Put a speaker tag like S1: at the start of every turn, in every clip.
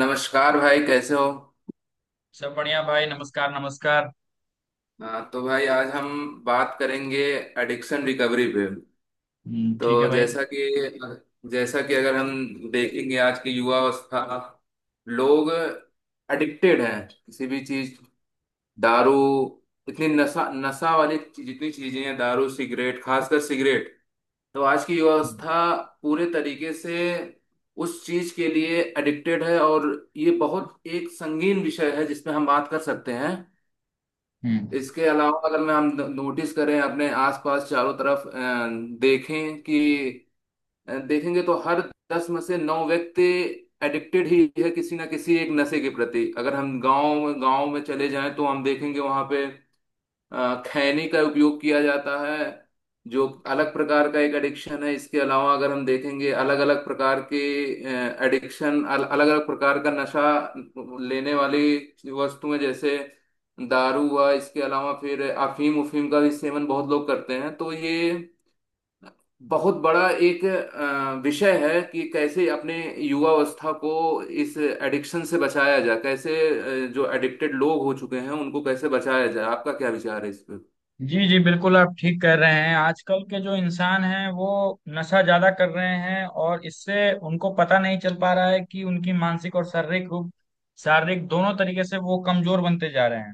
S1: नमस्कार भाई, कैसे हो।
S2: सब बढ़िया भाई। नमस्कार नमस्कार
S1: हाँ, तो भाई आज हम बात करेंगे एडिक्शन रिकवरी पे।
S2: ठीक है
S1: तो
S2: भाई।
S1: जैसा कि अगर हम देखेंगे आज की युवा अवस्था, लोग एडिक्टेड हैं किसी भी चीज, दारू, इतनी नशा नशा वाली जितनी चीजें हैं, दारू सिगरेट, खासकर सिगरेट। तो आज की युवा अवस्था पूरे तरीके से उस चीज के लिए एडिक्टेड है, और ये बहुत एक संगीन विषय है जिसमें हम बात कर सकते हैं।
S2: हम्म।
S1: इसके अलावा अगर मैं हम नोटिस करें अपने आसपास चारों तरफ, देखें कि देखेंगे तो हर दस में से नौ व्यक्ति एडिक्टेड ही है किसी ना किसी एक नशे के प्रति। अगर हम गांव गांव में चले जाएं तो हम देखेंगे वहां पे खैनी का उपयोग किया जाता है, जो अलग प्रकार का एक एडिक्शन है। इसके अलावा अगर हम देखेंगे, अलग अलग प्रकार के एडिक्शन, अलग अलग प्रकार का नशा लेने वाली वस्तुएं, जैसे दारू हुआ, इसके अलावा फिर अफीम उफीम का भी सेवन बहुत लोग करते हैं। तो ये बहुत बड़ा एक विषय है कि कैसे अपने युवावस्था को इस एडिक्शन से बचाया जाए, कैसे जो एडिक्टेड लोग हो चुके हैं उनको कैसे बचाया जाए। आपका क्या विचार है इस पे।
S2: जी जी, बिल्कुल आप ठीक कह रहे हैं। आजकल के जो इंसान हैं वो नशा ज्यादा कर रहे हैं, और इससे उनको पता नहीं चल पा रहा है कि उनकी मानसिक और शारीरिक रूप शारीरिक दोनों तरीके से वो कमजोर बनते जा रहे हैं।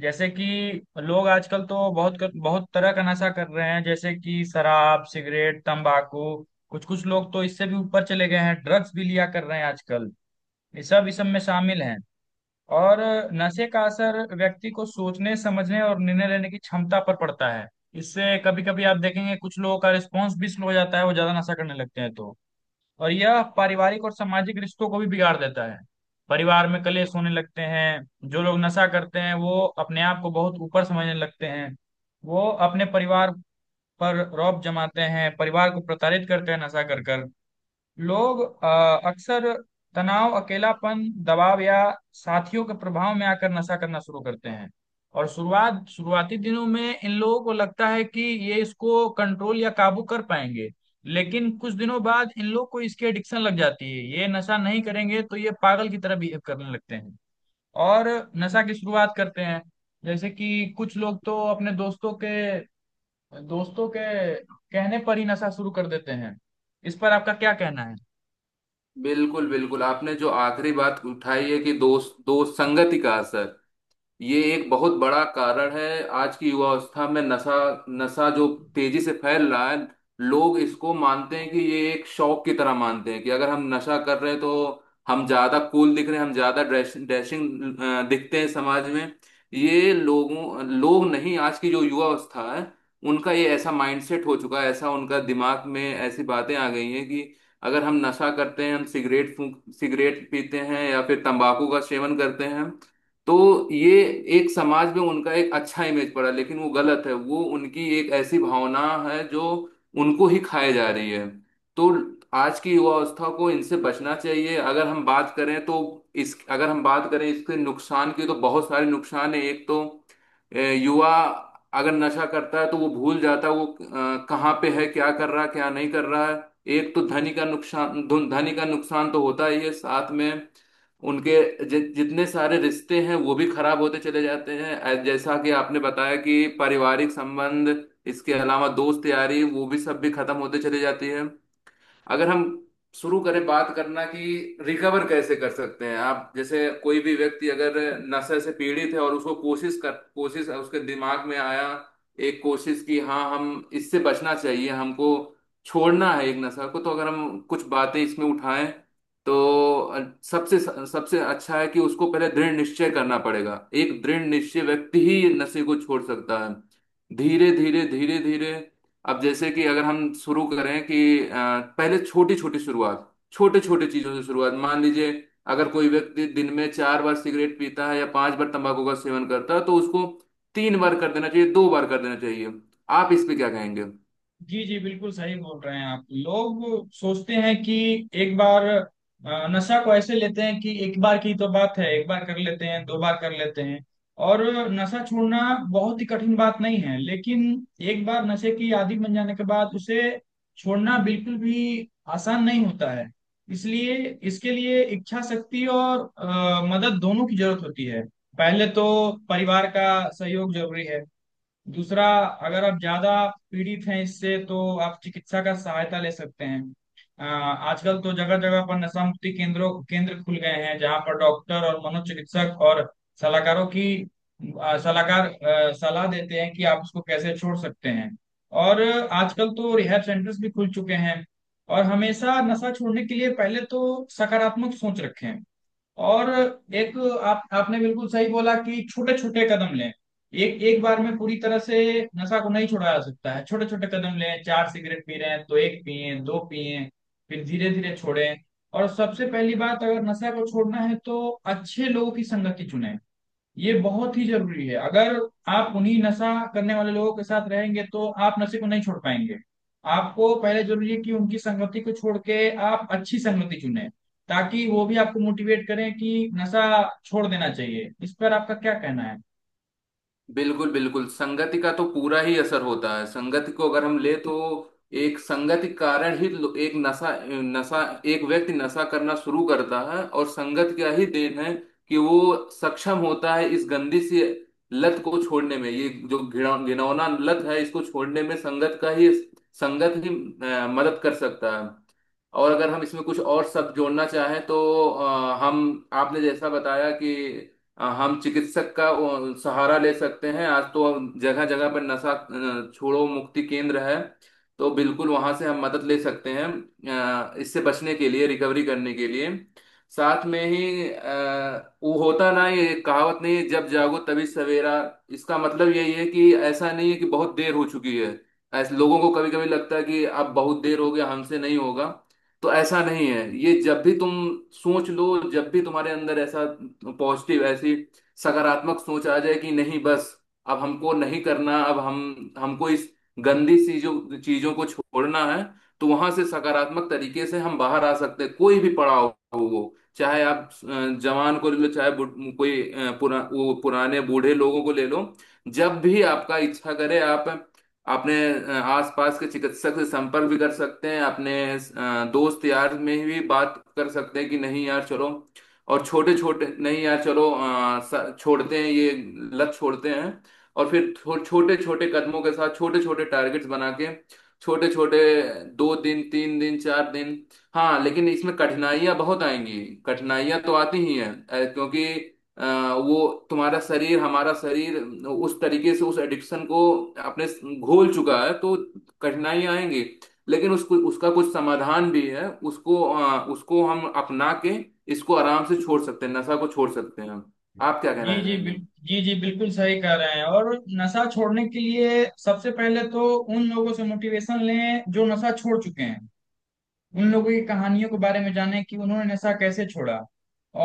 S2: जैसे कि लोग आजकल तो बहुत बहुत तरह का नशा कर रहे हैं, जैसे कि शराब, सिगरेट, तंबाकू। कुछ कुछ लोग तो इससे भी ऊपर चले गए हैं, ड्रग्स भी लिया कर रहे हैं आजकल। ये सब इस सब में शामिल हैं। और नशे का असर व्यक्ति को सोचने, समझने और निर्णय लेने की क्षमता पर पड़ता है। इससे कभी कभी आप देखेंगे कुछ लोगों का रिस्पॉन्स भी स्लो हो जाता है, वो ज्यादा नशा करने लगते हैं तो। और यह पारिवारिक और सामाजिक रिश्तों को भी बिगाड़ देता है। परिवार में कलेश होने लगते हैं। जो लोग नशा करते हैं वो अपने आप को बहुत ऊपर समझने लगते हैं। वो अपने परिवार पर रौब जमाते हैं, परिवार को प्रताड़ित करते हैं नशा कर कर। लोग अक्सर तनाव, अकेलापन, दबाव या साथियों के प्रभाव में आकर नशा करना शुरू करते हैं। और शुरुआती दिनों में इन लोगों को लगता है कि ये इसको कंट्रोल या काबू कर पाएंगे, लेकिन कुछ दिनों बाद इन लोग को इसकी एडिक्शन लग जाती है। ये नशा नहीं करेंगे तो ये पागल की तरह बिहेव करने लगते हैं, और नशा की शुरुआत करते हैं। जैसे कि कुछ लोग तो अपने दोस्तों के कहने पर ही नशा शुरू कर देते हैं। इस पर आपका क्या कहना है?
S1: बिल्कुल बिल्कुल, आपने जो आखिरी बात उठाई है कि दोस्त दोस्त संगति का असर, ये एक बहुत बड़ा कारण है। आज की युवा अवस्था में नशा नशा जो तेजी से फैल रहा है, लोग इसको मानते हैं कि ये एक शौक की तरह, मानते हैं कि अगर हम नशा कर रहे हैं तो हम ज्यादा कूल दिख रहे हैं, हम ज्यादा ड्रेस ड्रेसिंग दिखते हैं समाज में। ये लोग नहीं, आज की जो युवा अवस्था है उनका ये ऐसा माइंडसेट हो चुका है, ऐसा उनका दिमाग में ऐसी बातें आ गई हैं कि अगर हम नशा करते हैं, हम सिगरेट फूंक सिगरेट पीते हैं या फिर तंबाकू का सेवन करते हैं, तो ये एक समाज में उनका एक अच्छा इमेज पड़ा। लेकिन वो गलत है, वो उनकी एक ऐसी भावना है जो उनको ही खाए जा रही है। तो आज की युवा अवस्था को इनसे बचना चाहिए। अगर हम बात करें तो इस अगर हम बात करें इसके नुकसान की, तो बहुत सारे नुकसान है। एक तो युवा अगर नशा करता है तो वो भूल जाता है, वो कहाँ पे है, क्या कर रहा है, क्या नहीं कर रहा है। एक तो धनी का नुकसान, धनी का नुकसान तो होता ही है। साथ में उनके जितने सारे रिश्ते हैं वो भी खराब होते चले जाते हैं। जैसा कि आपने बताया कि पारिवारिक संबंध, इसके अलावा दोस्त यारी, वो भी सब भी खत्म होते चले जाती है। अगर हम शुरू करें बात करना कि रिकवर कैसे कर सकते हैं, आप जैसे कोई भी व्यक्ति अगर नशे से पीड़ित है और उसको कोशिश कर, कोशिश उसके दिमाग में आया एक कोशिश कि हाँ, हम इससे बचना चाहिए, हमको छोड़ना है एक नशा को, तो अगर हम कुछ बातें इसमें उठाएं, तो सबसे सबसे अच्छा है कि उसको पहले दृढ़ निश्चय करना पड़ेगा। एक दृढ़ निश्चय व्यक्ति ही नशे को छोड़ सकता है धीरे धीरे धीरे धीरे। अब जैसे कि अगर हम शुरू करें कि अ, पहले छोटी छोटी शुरुआत, छोटे छोटे चीजों से शुरुआत, मान लीजिए अगर कोई व्यक्ति दिन में चार बार सिगरेट पीता है या पांच बार तंबाकू का सेवन करता है, तो उसको तीन बार कर देना चाहिए, दो बार कर देना चाहिए। आप इस पे क्या कहेंगे।
S2: जी जी, बिल्कुल सही बोल रहे हैं। आप लोग सोचते हैं कि एक बार नशा को ऐसे लेते हैं कि एक बार की तो बात है, एक बार कर लेते हैं, दो बार कर लेते हैं। और नशा छोड़ना बहुत ही कठिन बात नहीं है, लेकिन एक बार नशे की आदि बन जाने के बाद उसे छोड़ना बिल्कुल भी आसान नहीं होता है। इसलिए इसके लिए इच्छा शक्ति और मदद दोनों की जरूरत होती है। पहले तो परिवार का सहयोग जरूरी है। दूसरा, अगर आप ज्यादा पीड़ित हैं इससे तो आप चिकित्सा का सहायता ले सकते हैं। आजकल तो जगह जगह पर नशा मुक्ति केंद्र खुल गए हैं, जहाँ पर डॉक्टर और मनोचिकित्सक और सलाहकार सलाह देते हैं कि आप उसको कैसे छोड़ सकते हैं। और आजकल तो रिहैब सेंटर्स भी खुल चुके हैं। और हमेशा नशा छोड़ने के लिए पहले तो सकारात्मक सोच रखें। और एक, आप आपने बिल्कुल सही बोला कि छोटे छोटे कदम लें। एक एक बार में पूरी तरह से नशा को नहीं छोड़ा जा सकता है, छोटे छोटे कदम लें। चार सिगरेट पी रहे हैं तो एक पिए, दो पिए, फिर धीरे धीरे छोड़ें। और सबसे पहली बात, अगर नशा को छोड़ना है तो अच्छे लोगों की संगति चुनें। ये बहुत ही जरूरी है। अगर आप उन्हीं नशा करने वाले लोगों के साथ रहेंगे तो आप नशे को नहीं छोड़ पाएंगे। आपको पहले जरूरी है कि उनकी संगति को छोड़ के आप अच्छी संगति चुने, ताकि वो भी आपको मोटिवेट करें कि नशा छोड़ देना चाहिए। इस पर आपका क्या कहना है?
S1: बिल्कुल बिल्कुल, संगति का तो पूरा ही असर होता है। संगति को अगर हम ले तो एक संगति कारण ही एक नशा नशा एक व्यक्ति नशा करना शुरू करता है, और संगत का ही देन है कि वो सक्षम होता है इस गंदी सी लत को छोड़ने में। ये जो घिनौना लत है, इसको छोड़ने में संगत का ही, संगत ही मदद कर सकता है। और अगर हम इसमें कुछ और सब जोड़ना चाहें तो हम आपने जैसा बताया कि हम चिकित्सक का सहारा ले सकते हैं। आज तो जगह जगह पर नशा छोड़ो मुक्ति केंद्र है, तो बिल्कुल वहां से हम मदद ले सकते हैं इससे बचने के लिए, रिकवरी करने के लिए। साथ में ही वो होता ना ये कहावत नहीं है, जब जागो तभी सवेरा। इसका मतलब यही है कि ऐसा नहीं है कि बहुत देर हो चुकी है। ऐसे लोगों को कभी कभी लगता है कि अब बहुत देर हो गया, हमसे नहीं होगा। तो ऐसा नहीं है, ये जब भी तुम सोच लो, जब भी तुम्हारे अंदर ऐसा पॉजिटिव, ऐसी सकारात्मक सोच आ जाए कि नहीं बस, अब हमको नहीं करना, अब हम हमको इस गंदी चीजों चीजों को छोड़ना है, तो वहां से सकारात्मक तरीके से हम बाहर आ सकते हैं। कोई भी पड़ाव हो, वो चाहे आप जवान को ले लो, चाहे कोई वो पुराने बूढ़े लोगों को ले लो। जब भी आपका इच्छा करे, आप अपने आसपास के चिकित्सक से संपर्क भी कर सकते हैं, अपने दोस्त यार में भी बात कर सकते हैं कि नहीं यार चलो, और छोटे छोटे नहीं यार चलो, छोड़ते हैं ये लत छोड़ते हैं। और फिर छोटे छोटे कदमों के साथ, छोटे छोटे टारगेट्स बना के, छोटे छोटे दो दिन, तीन दिन, चार दिन। हाँ, लेकिन इसमें कठिनाइयां बहुत आएंगी। कठिनाइयां तो आती ही हैं क्योंकि अ, वो तुम्हारा शरीर हमारा शरीर उस तरीके से उस एडिक्शन को अपने घोल चुका है, तो कठिनाइयां आएंगी। लेकिन उसको, उसका कुछ समाधान भी है, उसको उसको हम अपना के इसको आराम से छोड़ सकते हैं, नशा को छोड़ सकते हैं हम। आप क्या
S2: जी
S1: कहना
S2: जी बिल,
S1: चाहेंगे।
S2: जी जी, बिल्कुल सही कह रहे हैं। और नशा छोड़ने के लिए सबसे पहले तो उन लोगों से मोटिवेशन लें जो नशा छोड़ चुके हैं। उन लोगों की कहानियों के बारे में जाने कि उन्होंने नशा कैसे छोड़ा।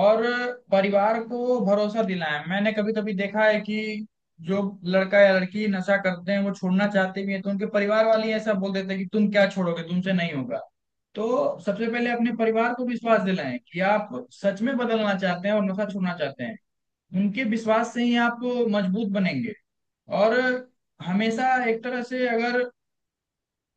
S2: और परिवार को भरोसा दिलाया। मैंने कभी कभी देखा है कि जो लड़का या लड़की नशा करते हैं वो छोड़ना चाहते भी हैं, तो उनके परिवार वाले ही ऐसा बोल देते हैं कि तुम क्या छोड़ोगे, तुमसे नहीं होगा। तो सबसे पहले अपने परिवार को विश्वास दिलाएं कि आप सच में बदलना चाहते हैं और नशा छोड़ना चाहते हैं। उनके विश्वास से ही आप मजबूत बनेंगे। और हमेशा एक तरह से, अगर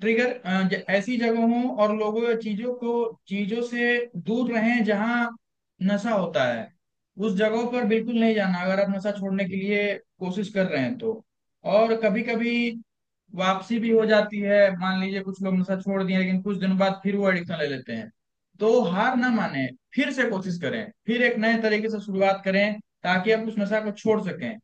S2: ट्रिगर ऐसी जगहों और लोगों या चीजों से दूर रहें जहां नशा होता है। उस जगहों पर बिल्कुल नहीं जाना, अगर आप नशा छोड़ने के लिए कोशिश कर रहे हैं तो। और कभी कभी वापसी भी हो जाती है। मान लीजिए कुछ लोग नशा छोड़ दिए, लेकिन कुछ दिन बाद फिर वो एडिक्शन ले लेते हैं। तो हार ना माने, फिर से कोशिश करें, फिर एक नए तरीके से शुरुआत करें ताकि आप उस नशा को छोड़ सकें।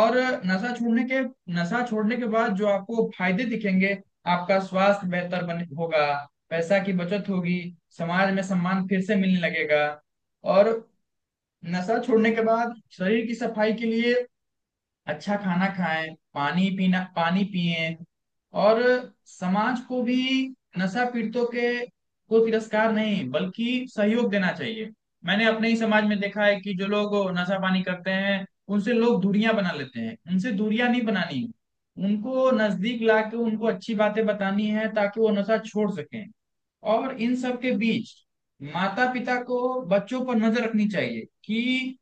S2: और नशा छोड़ने के नशा छोड़ने के बाद जो आपको फायदे दिखेंगे, आपका स्वास्थ्य बेहतर बने होगा, पैसा की बचत होगी, समाज में सम्मान फिर से मिलने लगेगा। और नशा छोड़ने के बाद शरीर की सफाई के लिए अच्छा खाना खाएं, पानी पिएं। और समाज को भी नशा पीड़ितों के को तिरस्कार नहीं बल्कि सहयोग देना चाहिए। मैंने अपने ही समाज में देखा है कि जो लोग नशा पानी करते हैं उनसे लोग दूरियां बना लेते हैं। उनसे दूरियां नहीं बनानी है, उनको नजदीक लाके उनको अच्छी बातें बतानी है ताकि वो नशा छोड़ सकें। और इन सब के बीच माता पिता को बच्चों पर नजर रखनी चाहिए कि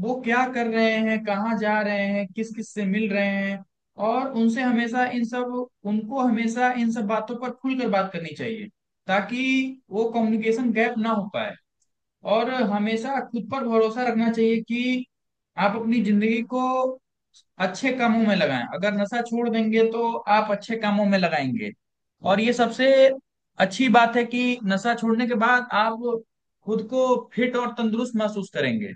S2: वो क्या कर रहे हैं, कहाँ जा रहे हैं, किस किस से मिल रहे हैं। और उनसे हमेशा इन सब उनको हमेशा इन सब बातों पर खुलकर बात करनी चाहिए, ताकि वो कम्युनिकेशन गैप ना हो पाए। और हमेशा खुद पर भरोसा रखना चाहिए कि आप अपनी जिंदगी को अच्छे कामों में लगाएं। अगर नशा छोड़ देंगे तो आप अच्छे कामों में लगाएंगे। और ये सबसे अच्छी बात है कि नशा छोड़ने के बाद आप खुद को फिट और तंदुरुस्त महसूस करेंगे।